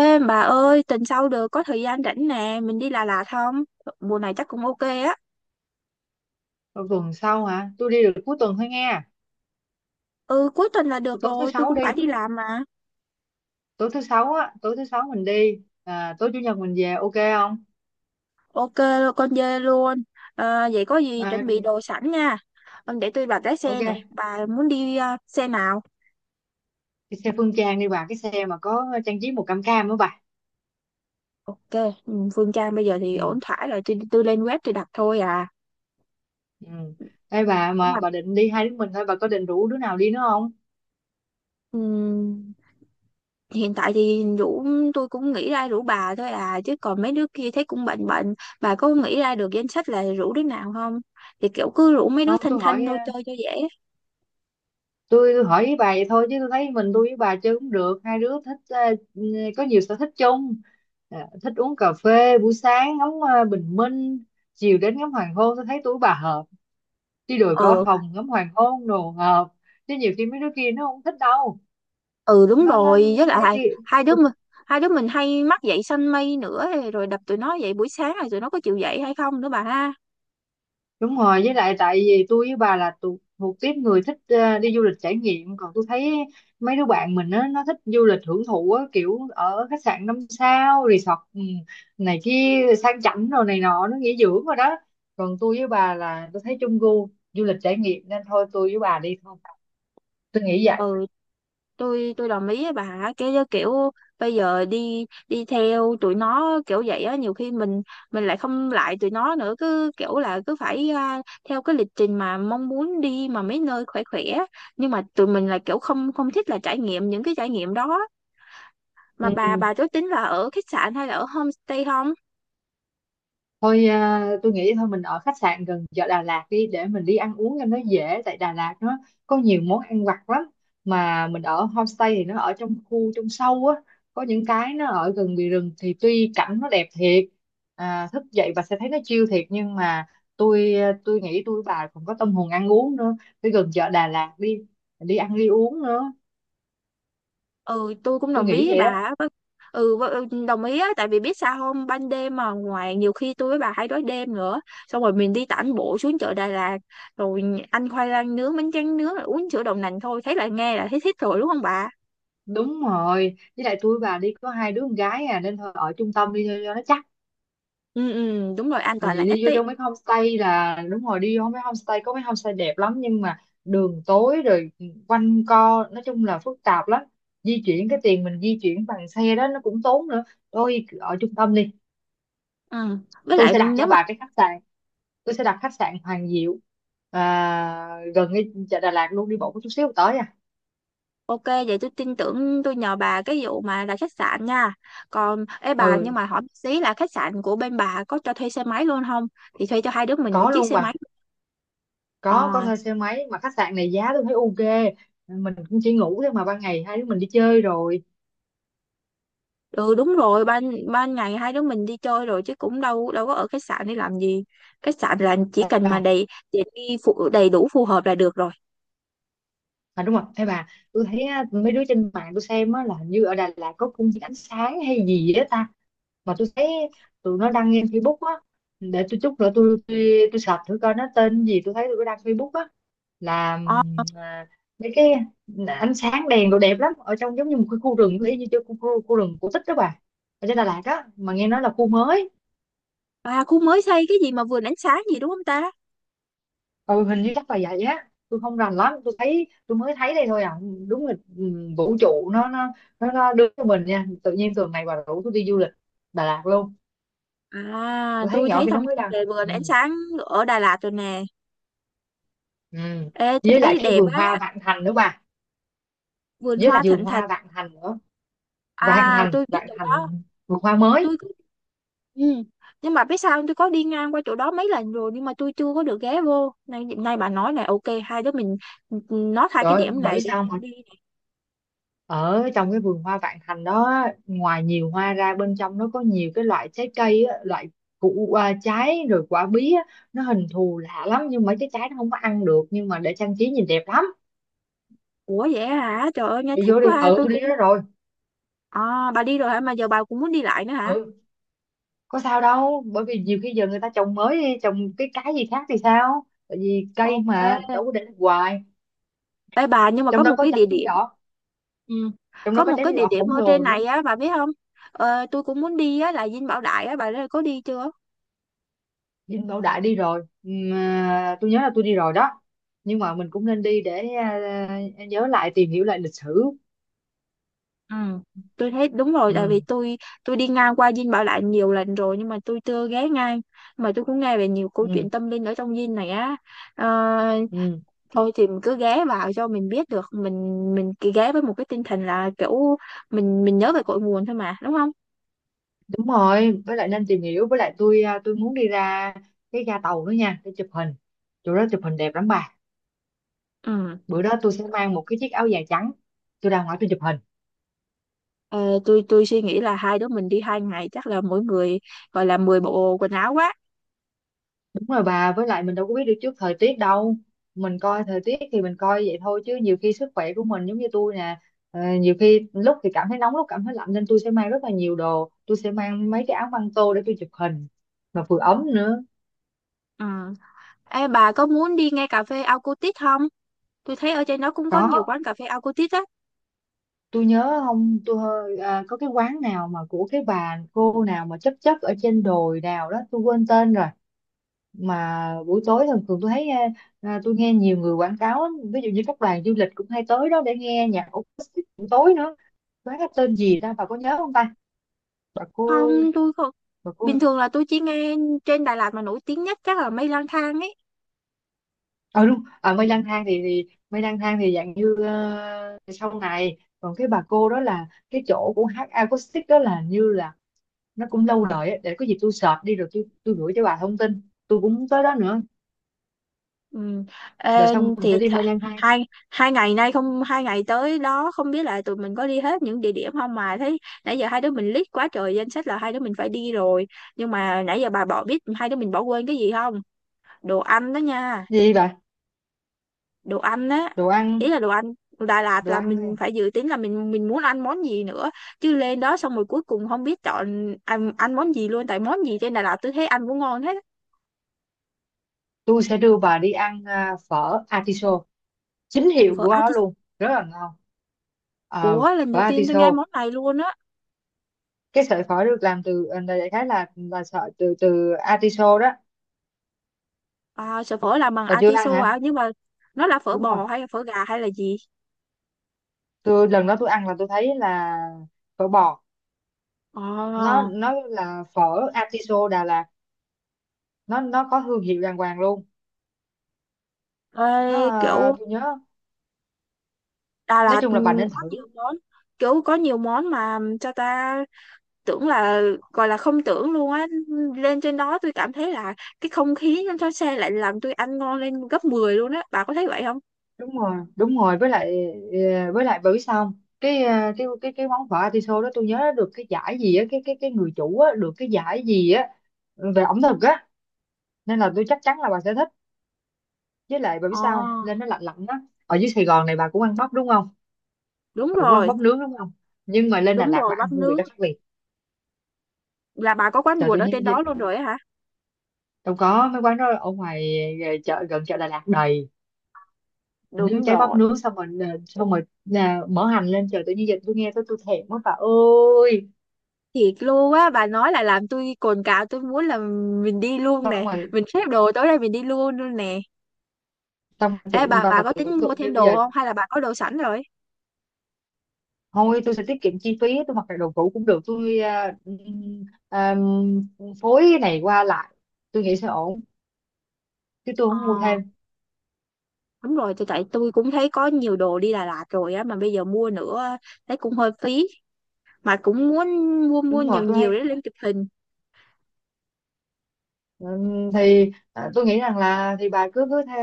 Ê bà ơi, tuần sau được có thời gian rảnh nè, mình đi Đà Lạt không? Mùa này chắc cũng ok á. Ờ, Tuần sau hả? Tôi đi được cuối tuần thôi nghe. Ừ, cuối tuần là được Tôi tối thứ rồi, tôi sáu cũng phải đi, đi làm mà. tối thứ sáu á, tối thứ sáu mình đi, tối chủ nhật mình về, ok không? Ok, con dê luôn. Ờ, vậy có gì à, chuẩn bị đồ sẵn nha. Ờ, để tôi bảo lái xe nè, ok. bà muốn đi xe nào? Cái xe Phương Trang đi bà, cái xe mà có trang trí màu cam cam á bà. Ok, ừ, Phương Trang bây giờ thì ổn Ừ. thỏa rồi, tôi lên web tôi đặt thôi à. Ừ. Ê bà, Nhưng mà bà định đi hai đứa mình thôi? Bà có định rủ đứa nào đi nữa không? mà hiện tại thì rủ tôi cũng nghĩ ra rủ bà thôi à, chứ còn mấy đứa kia thấy cũng bệnh bệnh. Bà có nghĩ ra được danh sách là rủ đứa nào không? Thì kiểu cứ rủ mấy đứa Không, thanh tôi thanh hỏi thôi chơi cho dễ. Tôi hỏi với bà vậy thôi, chứ tôi thấy mình tôi với bà chơi cũng được. Hai đứa thích có nhiều sở thích chung. Thích uống cà phê buổi sáng, ngắm bình minh, chiều đến ngắm hoàng hôn. Tôi thấy tôi với bà hợp, chứ đồi có Ừ, hồng ngắm hoàng hôn đồ ngợp. Chứ nhiều khi mấy đứa kia nó không thích đâu. ừ, đúng Nó rồi, với mấy đứa lại kia. hai đứa tôi- mình hai đứa mình hay mắc dậy sanh mây nữa, rồi đập tụi nó dậy buổi sáng rồi tụi nó có chịu dậy hay không nữa bà ha. Đúng rồi, với lại tại vì tôi với bà là thuộc tiếp người thích đi du lịch trải nghiệm. Còn tôi thấy mấy đứa bạn mình á, nó thích du lịch hưởng thụ á, kiểu ở khách sạn năm sao, resort, này kia sang chảnh rồi này nọ, nó nghỉ dưỡng rồi đó. Còn tôi với bà là tôi thấy chung gu du lịch trải nghiệm, nên thôi tôi với bà đi thôi, tôi nghĩ vậy. Ừ, tôi đồng ý với bà. Cái kiểu bây giờ đi đi theo tụi nó kiểu vậy á, nhiều khi mình lại không lại tụi nó nữa, cứ kiểu là cứ phải theo cái lịch trình mà mong muốn đi mà mấy nơi khỏe khỏe, nhưng mà tụi mình là kiểu không không thích là trải nghiệm những cái trải nghiệm đó. Mà bà Ừ. bà có tính là ở khách sạn hay là ở homestay không? Tôi nghĩ thôi mình ở khách sạn gần chợ Đà Lạt đi, để mình đi ăn uống cho nó dễ, tại Đà Lạt nó có nhiều món ăn vặt lắm. Mà mình ở homestay thì nó ở trong khu, trong sâu á, có những cái nó ở gần bìa rừng, thì tuy cảnh nó đẹp thiệt, thức dậy và sẽ thấy nó chill thiệt, nhưng mà tôi tôi nghĩ tôi với bà còn có tâm hồn ăn uống nữa. Đi gần chợ Đà Lạt đi, đi ăn đi uống nữa, Ừ, tôi cũng tôi đồng ý nghĩ với vậy bà đó. á. Ừ, đồng ý á, tại vì biết sao không, ban đêm mà ngoài nhiều khi tôi với bà hay đói đêm nữa, xong rồi mình đi tản bộ xuống chợ Đà Lạt rồi ăn khoai lang nướng, bánh tráng nướng rồi uống sữa đậu nành, thôi thấy là nghe là thấy thích rồi đúng không bà. Đúng rồi, với lại tôi với bà đi có hai đứa con gái à, nên thôi ở trung tâm đi cho nó chắc. Ừ, ừ, đúng rồi, an Tại toàn là vì nhất đi vô đấy. trong mấy homestay là đúng rồi, đi vô mấy homestay, có mấy homestay đẹp lắm nhưng mà đường tối rồi, quanh co, nói chung là phức tạp lắm. Di chuyển cái tiền mình di chuyển bằng xe đó nó cũng tốn nữa. Tôi ở trung tâm đi. Ừ, với Tôi lại sẽ đặt nếu cho mà bà cái khách sạn, tôi sẽ đặt khách sạn Hoàng Diệu, gần cái chợ Đà Lạt luôn, đi bộ có chút xíu tới à. ok vậy tôi tin tưởng, tôi nhờ bà cái vụ mà là khách sạn nha. Còn ê bà, nhưng Ừ. mà hỏi một xí là khách sạn của bên bà có cho thuê xe máy luôn không, thì thuê cho hai đứa mình một Có chiếc luôn xe máy. bà, có Ờ, thuê xe máy. Mà khách sạn này giá tôi thấy ok. Mình cũng chỉ ngủ thôi mà, ban ngày hai đứa mình đi chơi rồi. ừ đúng rồi, ban ban ngày hai đứa mình đi chơi rồi chứ cũng đâu đâu có ở khách sạn để làm gì, khách sạn là chỉ cần mà À, đầy tiện nghi phụ đầy đủ phù hợp là được rồi. à đúng rồi. Ê bà, tôi thấy á, mấy đứa trên mạng tôi xem á, là hình như ở Đà Lạt có công viên ánh sáng hay gì đó ta. Mà tôi thấy tụi nó đăng lên Facebook á. Để tôi chút nữa tôi search thử coi nó tên gì. Tôi thấy tụi nó đăng Facebook á là Ờ, mấy cái ánh sáng đèn đồ đẹp lắm, ở trong giống như một cái khu rừng, y như chỗ khu rừng cổ tích đó bà, ở trên Đà Lạt á, mà nghe nói là khu mới. à, khu mới xây cái gì mà vườn ánh sáng gì đúng không ta? Ừ, hình như chắc là vậy á, tôi không rành lắm, tôi thấy tôi mới thấy đây thôi à. Đúng là vũ trụ nó đưa cho mình nha, tự nhiên tuần này bà rủ tôi đi du lịch Đà Lạt luôn. À, Tôi thấy tôi nhỏ thấy khi thông nó mới tin đăng. về vườn Ừ. ánh sáng ở Đà Lạt rồi nè. Ừ. Ê, tôi Với lại thấy cái đẹp vườn hoa á. Vạn Thành nữa bà. Vườn Với lại hoa vườn thịnh thạch. hoa Vạn Thành nữa. Vạn À, Thành, tôi biết Vạn chỗ đó. Thành, vườn hoa mới. tôi có- ừ. Nhưng mà biết sao không? Tôi có đi ngang qua chỗ đó mấy lần rồi nhưng mà tôi chưa có được ghé vô, nay nay bà nói này, ok, hai đứa mình nó hai cái Trời ơi, điểm bà biết này để sao không? đi. Ở trong cái vườn hoa Vạn Thành đó, ngoài nhiều hoa ra, bên trong nó có nhiều cái loại trái cây á, loại củ, trái, rồi quả bí á, nó hình thù lạ lắm, nhưng mà cái trái nó không có ăn được, nhưng mà để trang trí nhìn đẹp lắm. Ủa vậy hả? Trời ơi nghe Đi thích vô đi, quá ha. ừ Tôi tôi đi cũng, đó rồi. à, bà đi rồi hả, mà giờ bà cũng muốn đi lại nữa hả? Ừ, có sao đâu, bởi vì nhiều khi giờ người ta trồng mới đi, trồng cái gì khác thì sao, tại vì cây Ok. mà đâu có để hoài. Ê bà, nhưng mà Trong có đó một có cái trái địa bí điểm. đỏ, Ừ. trong đó Có có một trái cái bí địa đỏ điểm khổng ở trên lồ nữa. này á bà biết không? Ờ, tôi cũng muốn đi á là Dinh Bảo Đại á, bà đã có đi chưa? Dinh Bảo Đại đi rồi. Tôi nhớ là tôi đi rồi đó, nhưng mà mình cũng nên đi để nhớ lại, tìm hiểu lại lịch sử. Ừ. Tôi thấy đúng rồi, tại vì Ừ, tôi đi ngang qua Dinh Bảo Đại nhiều lần rồi nhưng mà tôi chưa ghé ngang, mà tôi cũng nghe về nhiều câu ừ, chuyện tâm linh ở trong Dinh này á. Ờ, ừ. thôi thì mình cứ ghé vào cho mình biết được mình cứ ghé với một cái tinh thần là kiểu mình nhớ về cội nguồn thôi mà đúng không. Đúng rồi, với lại nên tìm hiểu. Với lại tôi tôi muốn đi ra cái ga tàu nữa nha, để chụp hình, chỗ đó chụp hình đẹp lắm bà. Ừ. Bữa đó tôi sẽ mang một cái chiếc áo dài trắng, tôi ra ngoài tôi chụp hình. Ờ, tôi suy nghĩ là hai đứa mình đi 2 ngày chắc là mỗi người gọi là 10 bộ quần áo quá. Đúng rồi bà, với lại mình đâu có biết được trước thời tiết đâu. Mình coi thời tiết thì mình coi vậy thôi, chứ nhiều khi sức khỏe của mình, giống như tôi nè, nhiều khi lúc thì cảm thấy nóng, lúc cảm thấy lạnh, nên tôi sẽ mang rất là nhiều đồ, tôi sẽ mang mấy cái áo băng tô để tôi chụp hình mà vừa ấm nữa. Ừ. Ê, bà có muốn đi ngay cà phê Alcotit không, tôi thấy ở trên đó cũng có nhiều Có, quán cà phê Alcotit á. tôi nhớ không, có cái quán nào mà của cái bà cô nào mà chấp chấp ở trên đồi nào đó, tôi quên tên rồi. Mà buổi tối thường thường tôi thấy tôi nghe nhiều người quảng cáo á, ví dụ như các đoàn du lịch cũng hay tới đó để nghe nhạc acoustic buổi tối nữa. Quán cái tên gì ta, bà có nhớ không ta? Bà cô, Không, tôi không, bà cô. bình thường là tôi chỉ nghe trên Đà Lạt mà nổi tiếng nhất chắc là mây lang thang ấy. Ờ đúng, mây lang thang thì mây lang thang thì dạng như sau này, còn cái bà cô đó là cái chỗ của hát acoustic đó, là như là nó cũng lâu đời á. Để có gì tôi search đi rồi tôi gửi cho bà thông tin. Tôi cũng muốn tới đó nữa. Ừ. Rồi Ê, xong mình sẽ thì đi th mây lang thang. hai hai ngày nay, không, hai ngày tới đó không biết là tụi mình có đi hết những địa điểm không, mà thấy nãy giờ hai đứa mình list quá trời danh sách là hai đứa mình phải đi rồi, nhưng mà nãy giờ bà bỏ biết hai đứa mình bỏ quên cái gì không? Đồ ăn đó nha. Gì bà? Đồ ăn á. Đồ ăn. Ý là đồ ăn Đà Lạt Đồ là ăn. mình phải dự tính là mình muốn ăn món gì nữa, chứ lên đó xong rồi cuối cùng không biết chọn ăn món gì luôn, tại món gì trên Đà Lạt tôi thấy ăn cũng ngon hết. Tôi sẽ đưa bà đi ăn phở artiso, chính hiệu Phở của nó Atis. luôn, rất là ngon. Ờ, Ủa lần phở đầu tiên tôi nghe artiso. món này luôn á. Cái sợi phở được làm từ đại khái là sợi từ từ artiso đó. À, sợi phở làm bằng Bà chưa ăn atiso hả? hả? Nhưng mà nó là phở Đúng rồi, bò hay là phở gà hay là gì? tôi lần đó tôi ăn là tôi thấy là phở bò. nó Ờ, nó là phở artiso Đà Lạt, nó có thương hiệu đàng hoàng luôn. Nó ê, à, kiểu tôi nhớ Đà Nói Lạt chung là bà nên có thử. nhiều món, kiểu có nhiều món mà cho ta tưởng là gọi là không tưởng luôn á. Lên trên đó tôi cảm thấy là cái không khí trên xe lại làm tôi ăn ngon lên gấp 10 luôn á. Bà có thấy vậy không? Đúng rồi, đúng rồi, với lại với lại bởi xong cái món phở atiso đó, tôi nhớ được cái giải gì á, cái người chủ á được cái giải gì á, về ẩm thực á. Nên là tôi chắc chắn là bà sẽ thích. Với lại bà biết Ờ, sao không? Lên nó lạnh lạnh á, ở dưới Sài Gòn này bà cũng ăn bắp đúng không? đúng Bà cũng ăn rồi, bắp nướng đúng không? Nhưng mà lên Đà đúng Lạt rồi, bà ăn bắp hương vị nướng. đó khác biệt. Là bà có quán Trời tự ruột ở nhiên trên gì- đó luôn rồi á hả? Đâu có, mấy quán đó ở ngoài chợ, gần chợ Đà Lạt đầy. Nướng Đúng cháy bắp rồi. nướng, xong rồi xong rồi mở hành lên, trời tự nhiên giờ tôi nghe tôi thèm quá bà ơi. Thiệt luôn á, bà nói là làm tôi cồn cào, tôi muốn là mình đi luôn nè, Xong rồi. mình xếp đồ tối nay mình đi luôn luôn nè. Xong Ê tưởng bà bà và có tưởng tính mua tượng như thêm bây giờ. đồ không hay là bà có đồ sẵn rồi. Thôi tôi sẽ tiết kiệm chi phí, tôi mặc lại đồ cũ cũng được, tôi à, phối cái này qua lại, tôi nghĩ sẽ ổn, chứ tôi không mua Ờ thêm. đúng rồi, tại tôi cũng thấy có nhiều đồ đi Đà Lạt rồi á mà bây giờ mua nữa thấy cũng hơi phí, mà cũng muốn mua mua Đúng rồi, nhiều tôi nhiều thấy để lên chụp hình. Tôi nghĩ rằng là thì bà cứ cứ tha,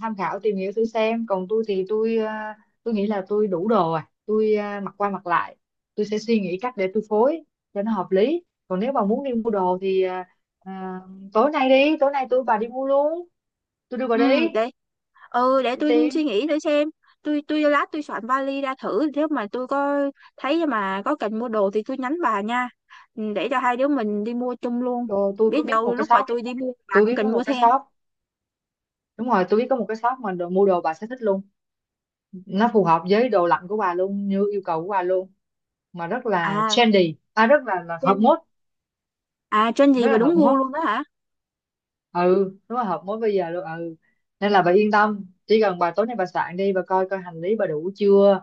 tham khảo, tìm hiểu thử xem. Còn tôi thì tôi tôi nghĩ là tôi đủ đồ tôi mặc qua mặc lại, tôi sẽ suy nghĩ cách để tôi phối cho nó hợp lý. Còn nếu bà muốn đi mua đồ thì à, tối nay đi, tối nay tôi bà đi mua luôn, tôi đưa bà Ừ đi. đấy, ừ để tôi suy Tim nghĩ thử xem. Tôi lát tôi soạn vali ra thử, nếu mà tôi có thấy mà có cần mua đồ thì tôi nhắn bà nha. Ừ, để cho hai đứa mình đi mua chung luôn, rồi, tôi có biết biết một đâu cái lúc mà shop, tôi đi mua bà tôi cũng biết có cần một mua cái thêm. shop. Đúng rồi, tôi biết có một cái shop mà mua đồ bà sẽ thích luôn, nó phù hợp với đồ lạnh của bà luôn, như yêu cầu của bà luôn, mà rất là À trendy, là hợp trend, mốt, à trend gì rất mà là đúng hợp mốt. gu luôn đó hả? Ừ đúng là hợp mốt bây giờ luôn. Ừ, nên là bà yên tâm, chỉ cần bà tối nay bà soạn đi, bà coi coi hành lý bà đủ chưa,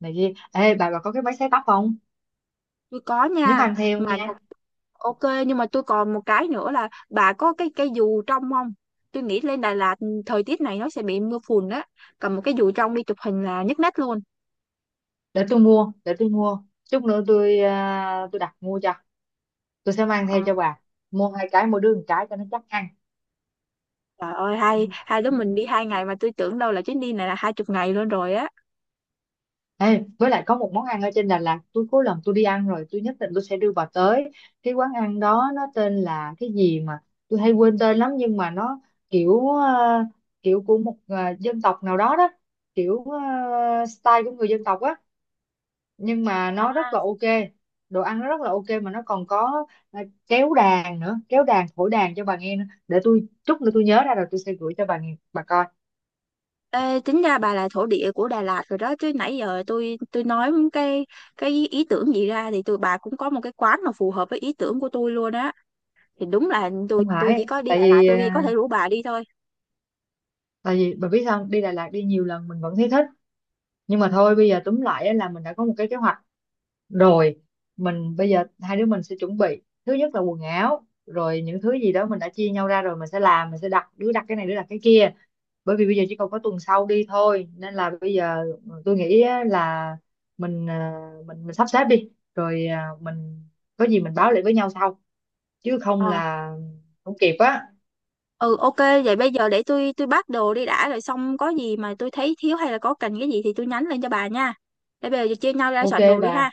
này kia. Ê bà có cái máy sấy tóc không? Tôi có Nhớ nha. mang theo mà nha. đọc- ok. Nhưng mà tôi còn một cái nữa là bà có cái dù trong không? Tôi nghĩ lên Đà Lạt thời tiết này nó sẽ bị mưa phùn á, cầm một cái dù trong đi chụp hình là nhất nét luôn. Để tôi mua chút nữa tôi tôi đặt mua cho, tôi sẽ mang theo Ờ. cho bà. Mua hai cái, mỗi đứa một cái cho nó chắc ăn. Trời ơi hai hai đứa mình đi hai ngày mà tôi tưởng đâu là chuyến đi này là 20 ngày luôn rồi á. Ê, với lại có một món ăn ở trên Đà Lạt tôi cuối lần tôi đi ăn rồi, tôi nhất định tôi sẽ đưa bà tới cái quán ăn đó. Nó tên là cái gì mà tôi hay quên tên lắm, nhưng mà nó kiểu kiểu của một dân tộc nào đó đó, kiểu style của người dân tộc á, nhưng mà nó À. rất là ok. Đồ ăn nó rất là ok, mà nó còn có kéo đàn nữa, kéo đàn thổi đàn cho bà nghe nữa. Để tôi chút nữa tôi nhớ ra rồi, tôi sẽ gửi cho bà nghe, bà coi. Ê, tính ra bà là thổ địa của Đà Lạt rồi đó chứ, nãy giờ tôi nói cái ý tưởng gì ra thì tụi bà cũng có một cái quán mà phù hợp với ý tưởng của tôi luôn á. Thì đúng là tôi Không tôi chỉ phải, có đi tại Đà Lạt vì tôi có thể rủ bà đi thôi. tại vì bà biết sao không? Đi Đà Lạt đi nhiều lần mình vẫn thấy thích. Nhưng mà thôi bây giờ túm lại á, là mình đã có một cái kế hoạch rồi. Mình bây giờ hai đứa mình sẽ chuẩn bị, thứ nhất là quần áo, rồi những thứ gì đó mình đã chia nhau ra, rồi mình sẽ làm, mình sẽ đặt, đứa đặt cái này, đứa đặt cái kia. Bởi vì bây giờ chỉ còn có tuần sau đi thôi, nên là bây giờ tôi nghĩ á là mình à, mình mình sắp xếp đi, rồi mình có gì mình báo lại với nhau sau, chứ không Ờ, là không kịp á. ừ ok vậy bây giờ để tôi bắt đồ đi đã, rồi xong có gì mà tôi thấy thiếu hay là có cần cái gì thì tôi nhắn lên cho bà nha. Để bây giờ chia nhau ra Ok soạn đồ đi bà. ha.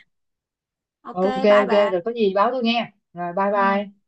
Ok, Ờ, ok. bye bà. Rồi có gì báo tôi nghe. Rồi bye Ừ. bye.